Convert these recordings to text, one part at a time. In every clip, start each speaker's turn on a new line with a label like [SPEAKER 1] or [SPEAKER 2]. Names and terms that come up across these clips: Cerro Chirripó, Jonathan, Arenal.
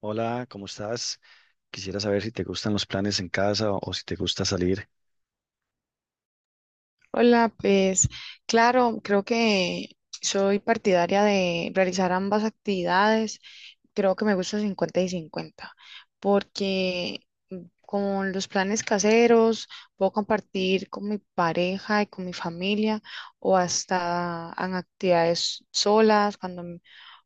[SPEAKER 1] Hola, ¿cómo estás? Quisiera saber si te gustan los planes en casa o si te gusta salir.
[SPEAKER 2] Hola, pues claro, creo que soy partidaria de realizar ambas actividades. Creo que me gusta 50 y 50, porque con los planes caseros puedo compartir con mi pareja y con mi familia o hasta en actividades solas, cuando,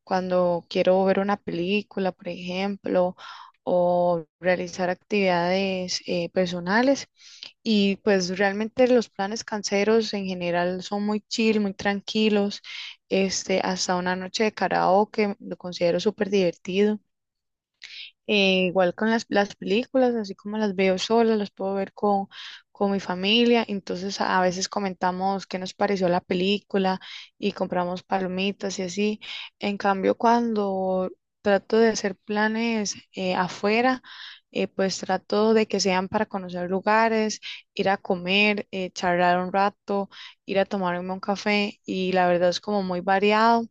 [SPEAKER 2] cuando quiero ver una película, por ejemplo, o realizar actividades personales. Y pues realmente los planes canceros en general son muy chill, muy tranquilos. Hasta una noche de karaoke lo considero súper divertido. Igual con las películas, así como las veo sola, las puedo ver con mi familia. Entonces a veces comentamos qué nos pareció la película y compramos palomitas y así. En cambio, cuando trato de hacer planes afuera, pues trato de que sean para conocer lugares, ir a comer, charlar un rato, ir a tomarme un café y la verdad es como muy variado.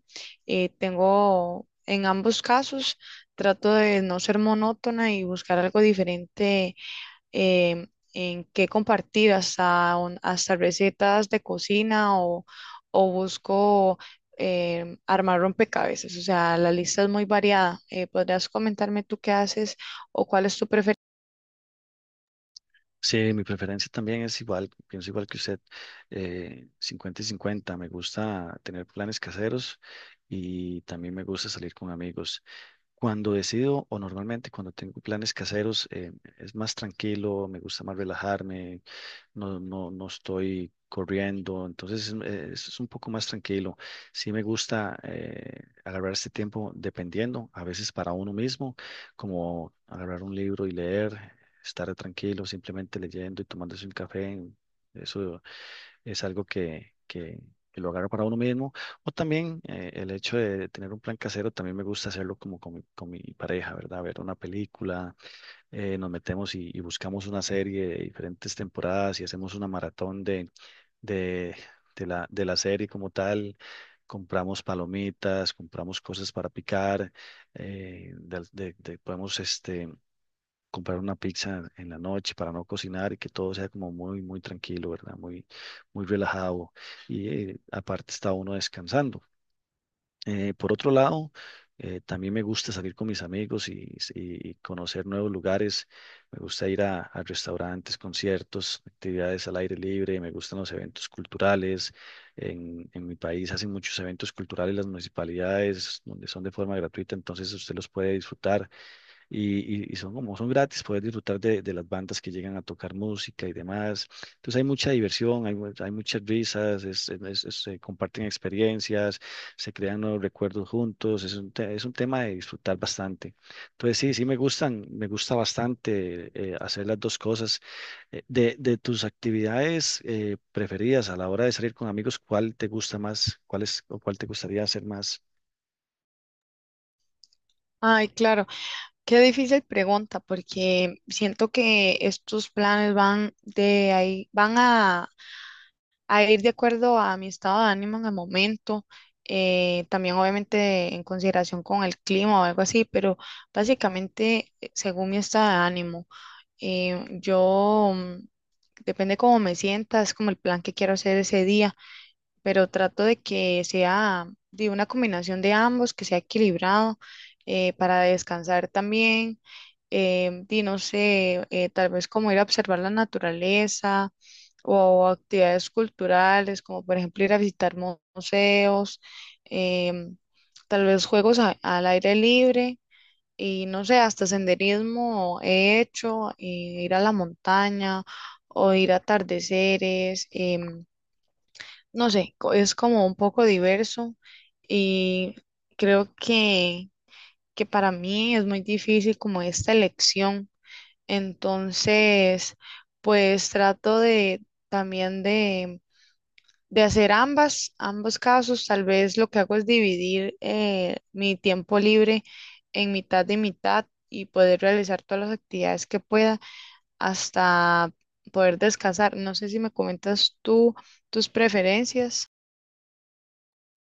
[SPEAKER 2] Tengo en ambos casos. Trato de no ser monótona y buscar algo diferente, em, en qué compartir, hasta, hasta recetas de cocina, o busco armar rompecabezas. O sea, la lista es muy variada. ¿Podrías comentarme tú qué haces o cuál es tu preferencia?
[SPEAKER 1] Sí, mi preferencia también es igual, pienso igual que usted, 50 y 50. Me gusta tener planes caseros y también me gusta salir con amigos. Cuando decido, o normalmente cuando tengo planes caseros, es más tranquilo, me gusta más relajarme, no, no estoy corriendo, entonces es un poco más tranquilo. Sí me gusta agarrar este tiempo dependiendo, a veces para uno mismo, como agarrar un libro y leer, estar tranquilo, simplemente leyendo y tomándose un café. Eso es algo que lo agarro para uno mismo. O también el hecho de tener un plan casero, también me gusta hacerlo como con con mi pareja, ¿verdad? Ver una película, nos metemos y buscamos una serie de diferentes temporadas y hacemos una maratón de, de la serie como tal. Compramos palomitas, compramos cosas para picar, podemos comprar una pizza en la noche para no cocinar y que todo sea como muy tranquilo, ¿verdad? Muy relajado y aparte está uno descansando. Por otro lado, también me gusta salir con mis amigos y conocer nuevos lugares. Me gusta ir a restaurantes, conciertos, actividades al aire libre. Me gustan los eventos culturales. En mi país hacen muchos eventos culturales las municipalidades, donde son de forma gratuita, entonces usted los puede disfrutar y son como son gratis, poder disfrutar de las bandas que llegan a tocar música y demás. Entonces hay mucha diversión, hay muchas risas, se comparten experiencias, se crean nuevos recuerdos juntos, es es un tema de disfrutar bastante. Entonces sí, me gusta bastante hacer las dos cosas. De tus actividades preferidas a la hora de salir con amigos, ¿cuál te gusta más? ¿Cuál es o cuál te gustaría hacer más?
[SPEAKER 2] Ay, claro, qué difícil pregunta, porque siento que estos planes van de ahí, van a ir de acuerdo a mi estado de ánimo en el momento, también obviamente en consideración con el clima o algo así, pero básicamente según mi estado de ánimo, yo, depende cómo me sienta, es como el plan que quiero hacer ese día, pero trato de que sea de una combinación de ambos, que sea equilibrado para descansar también. No sé, tal vez como ir a observar la naturaleza o actividades culturales, como por ejemplo ir a visitar museos, em, tal vez juegos al aire libre y no sé, hasta senderismo he hecho, ir a la montaña o ir a atardeceres. No sé, es como un poco diverso y creo que para mí es muy difícil como esta elección. Entonces, pues trato de también de hacer ambas, ambos casos. Tal vez lo que hago es dividir mi tiempo libre en mitad de mitad y poder realizar todas las actividades que pueda hasta poder descansar. No sé si me comentas tú tus preferencias.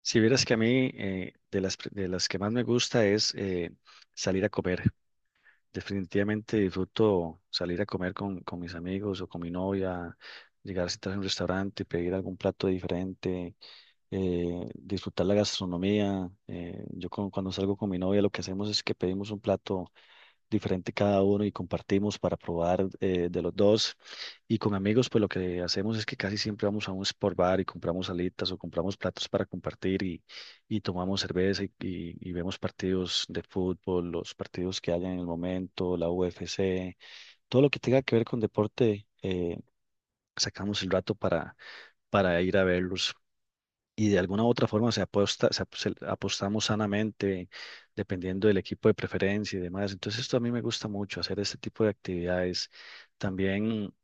[SPEAKER 1] Si vieras que a mí de las que más me gusta es salir a comer. Definitivamente disfruto salir a comer con mis amigos o con mi novia, llegar a sentarse en un restaurante, pedir algún plato diferente, disfrutar la gastronomía. Cuando salgo con mi novia lo que hacemos es que pedimos un plato diferente cada uno y compartimos para probar de los dos. Y con amigos, pues lo que hacemos es que casi siempre vamos a un sport bar y compramos alitas o compramos platos para compartir y tomamos cerveza y vemos partidos de fútbol, los partidos que haya en el momento, la UFC, todo lo que tenga que ver con deporte, sacamos el rato para ir a verlos y de alguna u otra forma se apuesta, apostamos sanamente, dependiendo del equipo de preferencia y demás. Entonces, esto a mí me gusta mucho, hacer este tipo de actividades. También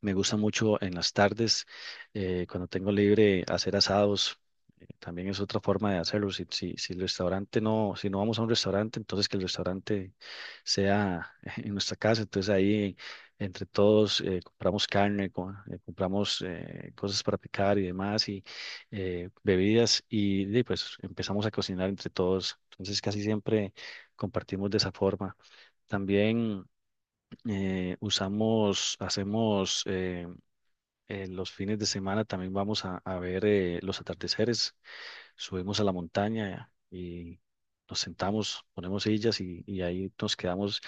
[SPEAKER 1] me gusta mucho en las tardes, cuando tengo libre, hacer asados. También es otra forma de hacerlo. Si el restaurante no, si no vamos a un restaurante, entonces que el restaurante sea en nuestra casa. Entonces ahí entre todos compramos carne, compramos cosas para picar y demás bebidas y de pues empezamos a cocinar entre todos. Entonces casi siempre compartimos de esa forma. También hacemos los fines de semana, también vamos a ver los atardeceres, subimos a la montaña y nos sentamos, ponemos sillas y ahí nos quedamos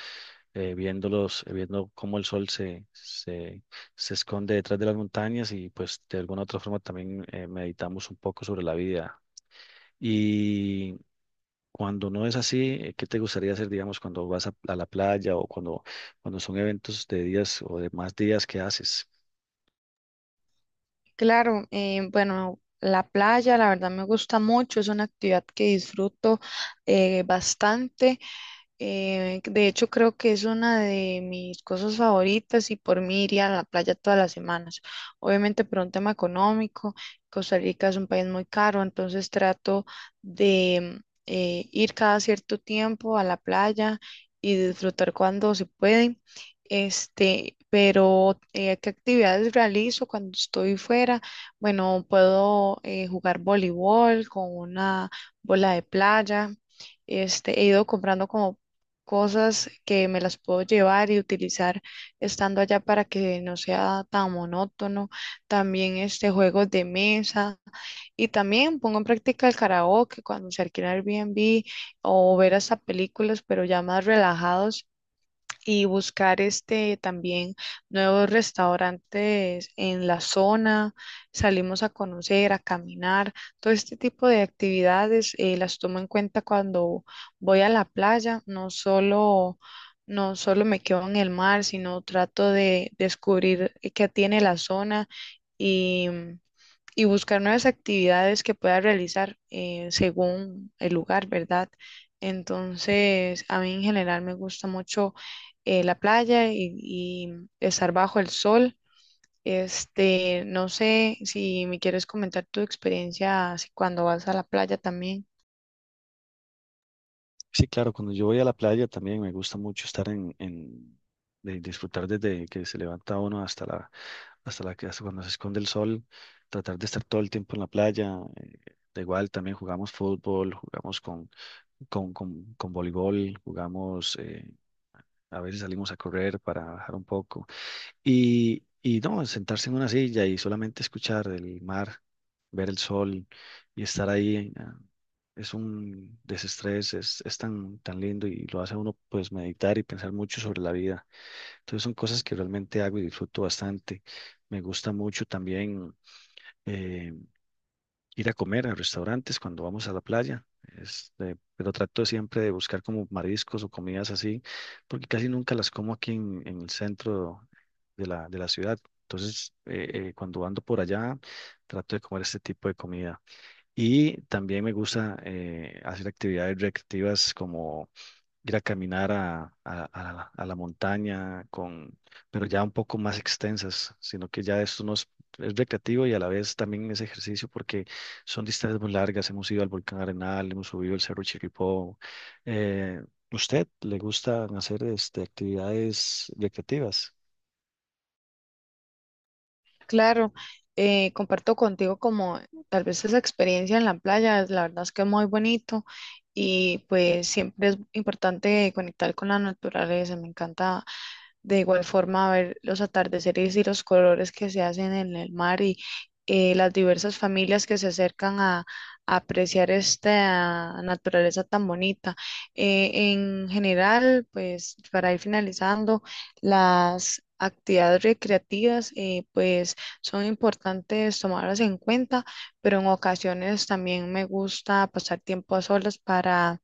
[SPEAKER 1] viéndolos, viendo cómo el sol se esconde detrás de las montañas y pues de alguna otra forma también meditamos un poco sobre la vida y cuando no es así, ¿qué te gustaría hacer, digamos, cuando vas a la playa o cuando son eventos de días o de más días que haces?
[SPEAKER 2] Claro, bueno, la playa la verdad me gusta mucho, es una actividad que disfruto bastante. De hecho, creo que es una de mis cosas favoritas y por mí iría a la playa todas las semanas. Obviamente por un tema económico, Costa Rica es un país muy caro, entonces trato de ir cada cierto tiempo a la playa y disfrutar cuando se puede. Pero ¿qué actividades realizo cuando estoy fuera? Bueno, puedo jugar voleibol con una bola de playa. He ido comprando como cosas que me las puedo llevar y utilizar estando allá para que no sea tan monótono. También juegos de mesa, y también pongo en práctica el karaoke cuando se alquila Airbnb o ver hasta películas, pero ya más relajados y buscar también nuevos restaurantes en la zona, salimos a conocer, a caminar, todo este tipo de actividades las tomo en cuenta cuando voy a la playa, no solo no solo me quedo en el mar, sino trato de descubrir qué tiene la zona y buscar nuevas actividades que pueda realizar según el lugar, ¿verdad? Entonces, a mí en general me gusta mucho la playa y estar bajo el sol. No sé si me quieres comentar tu experiencia así cuando vas a la playa también.
[SPEAKER 1] Sí, claro, cuando yo voy a la playa también me gusta mucho estar en de disfrutar desde que se levanta uno hasta la que hasta cuando se esconde el sol, tratar de estar todo el tiempo en la playa. Da igual, también jugamos fútbol, jugamos con voleibol, jugamos, a veces salimos a correr para bajar un poco. Y no, Sentarse en una silla y solamente escuchar el mar, ver el sol y estar ahí, es un desestrés, es tan lindo y lo hace a uno pues meditar y pensar mucho sobre la vida. Entonces son cosas que realmente hago y disfruto bastante. Me gusta mucho también. eh, Ir a comer a restaurantes cuando vamos a la playa. Este, pero trato siempre de buscar como mariscos o comidas así, porque casi nunca las como aquí en el centro de la ciudad. Entonces, cuando ando por allá, trato de comer este tipo de comida. Y también me gusta hacer actividades recreativas como ir a caminar a la montaña con, pero ya un poco más extensas, sino que ya esto no es, es recreativo y a la vez también es ejercicio porque son distancias muy largas. Hemos ido al volcán Arenal, hemos subido el Cerro Chirripó. Eh, ¿Usted le gustan hacer este, actividades recreativas?
[SPEAKER 2] Claro, comparto contigo como tal vez esa experiencia en la playa, la verdad es que es muy bonito y pues siempre es importante conectar con la naturaleza. Me encanta. De igual forma, ver los atardeceres y los colores que se hacen en el mar y las diversas familias que se acercan a apreciar esta naturaleza tan bonita. En general, pues para ir finalizando, las actividades recreativas, pues son importantes tomarlas en cuenta, pero en ocasiones también me gusta pasar tiempo a solas para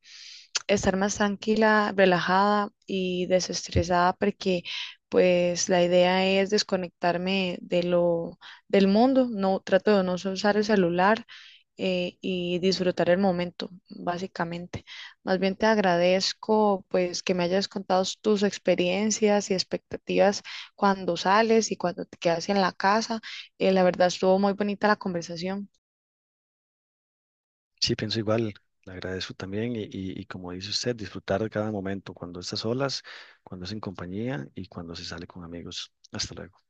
[SPEAKER 2] estar más tranquila, relajada y desestresada porque pues la idea es desconectarme de lo del mundo, no trato de no usar el celular y disfrutar el momento, básicamente. Más bien te agradezco pues que me hayas contado tus experiencias y expectativas cuando sales y cuando te quedas en la casa. La verdad estuvo muy bonita la conversación.
[SPEAKER 1] Sí, pienso igual. Le agradezco también y como dice usted, disfrutar de cada momento, cuando estás solas, cuando es en compañía y cuando se sale con amigos. Hasta luego.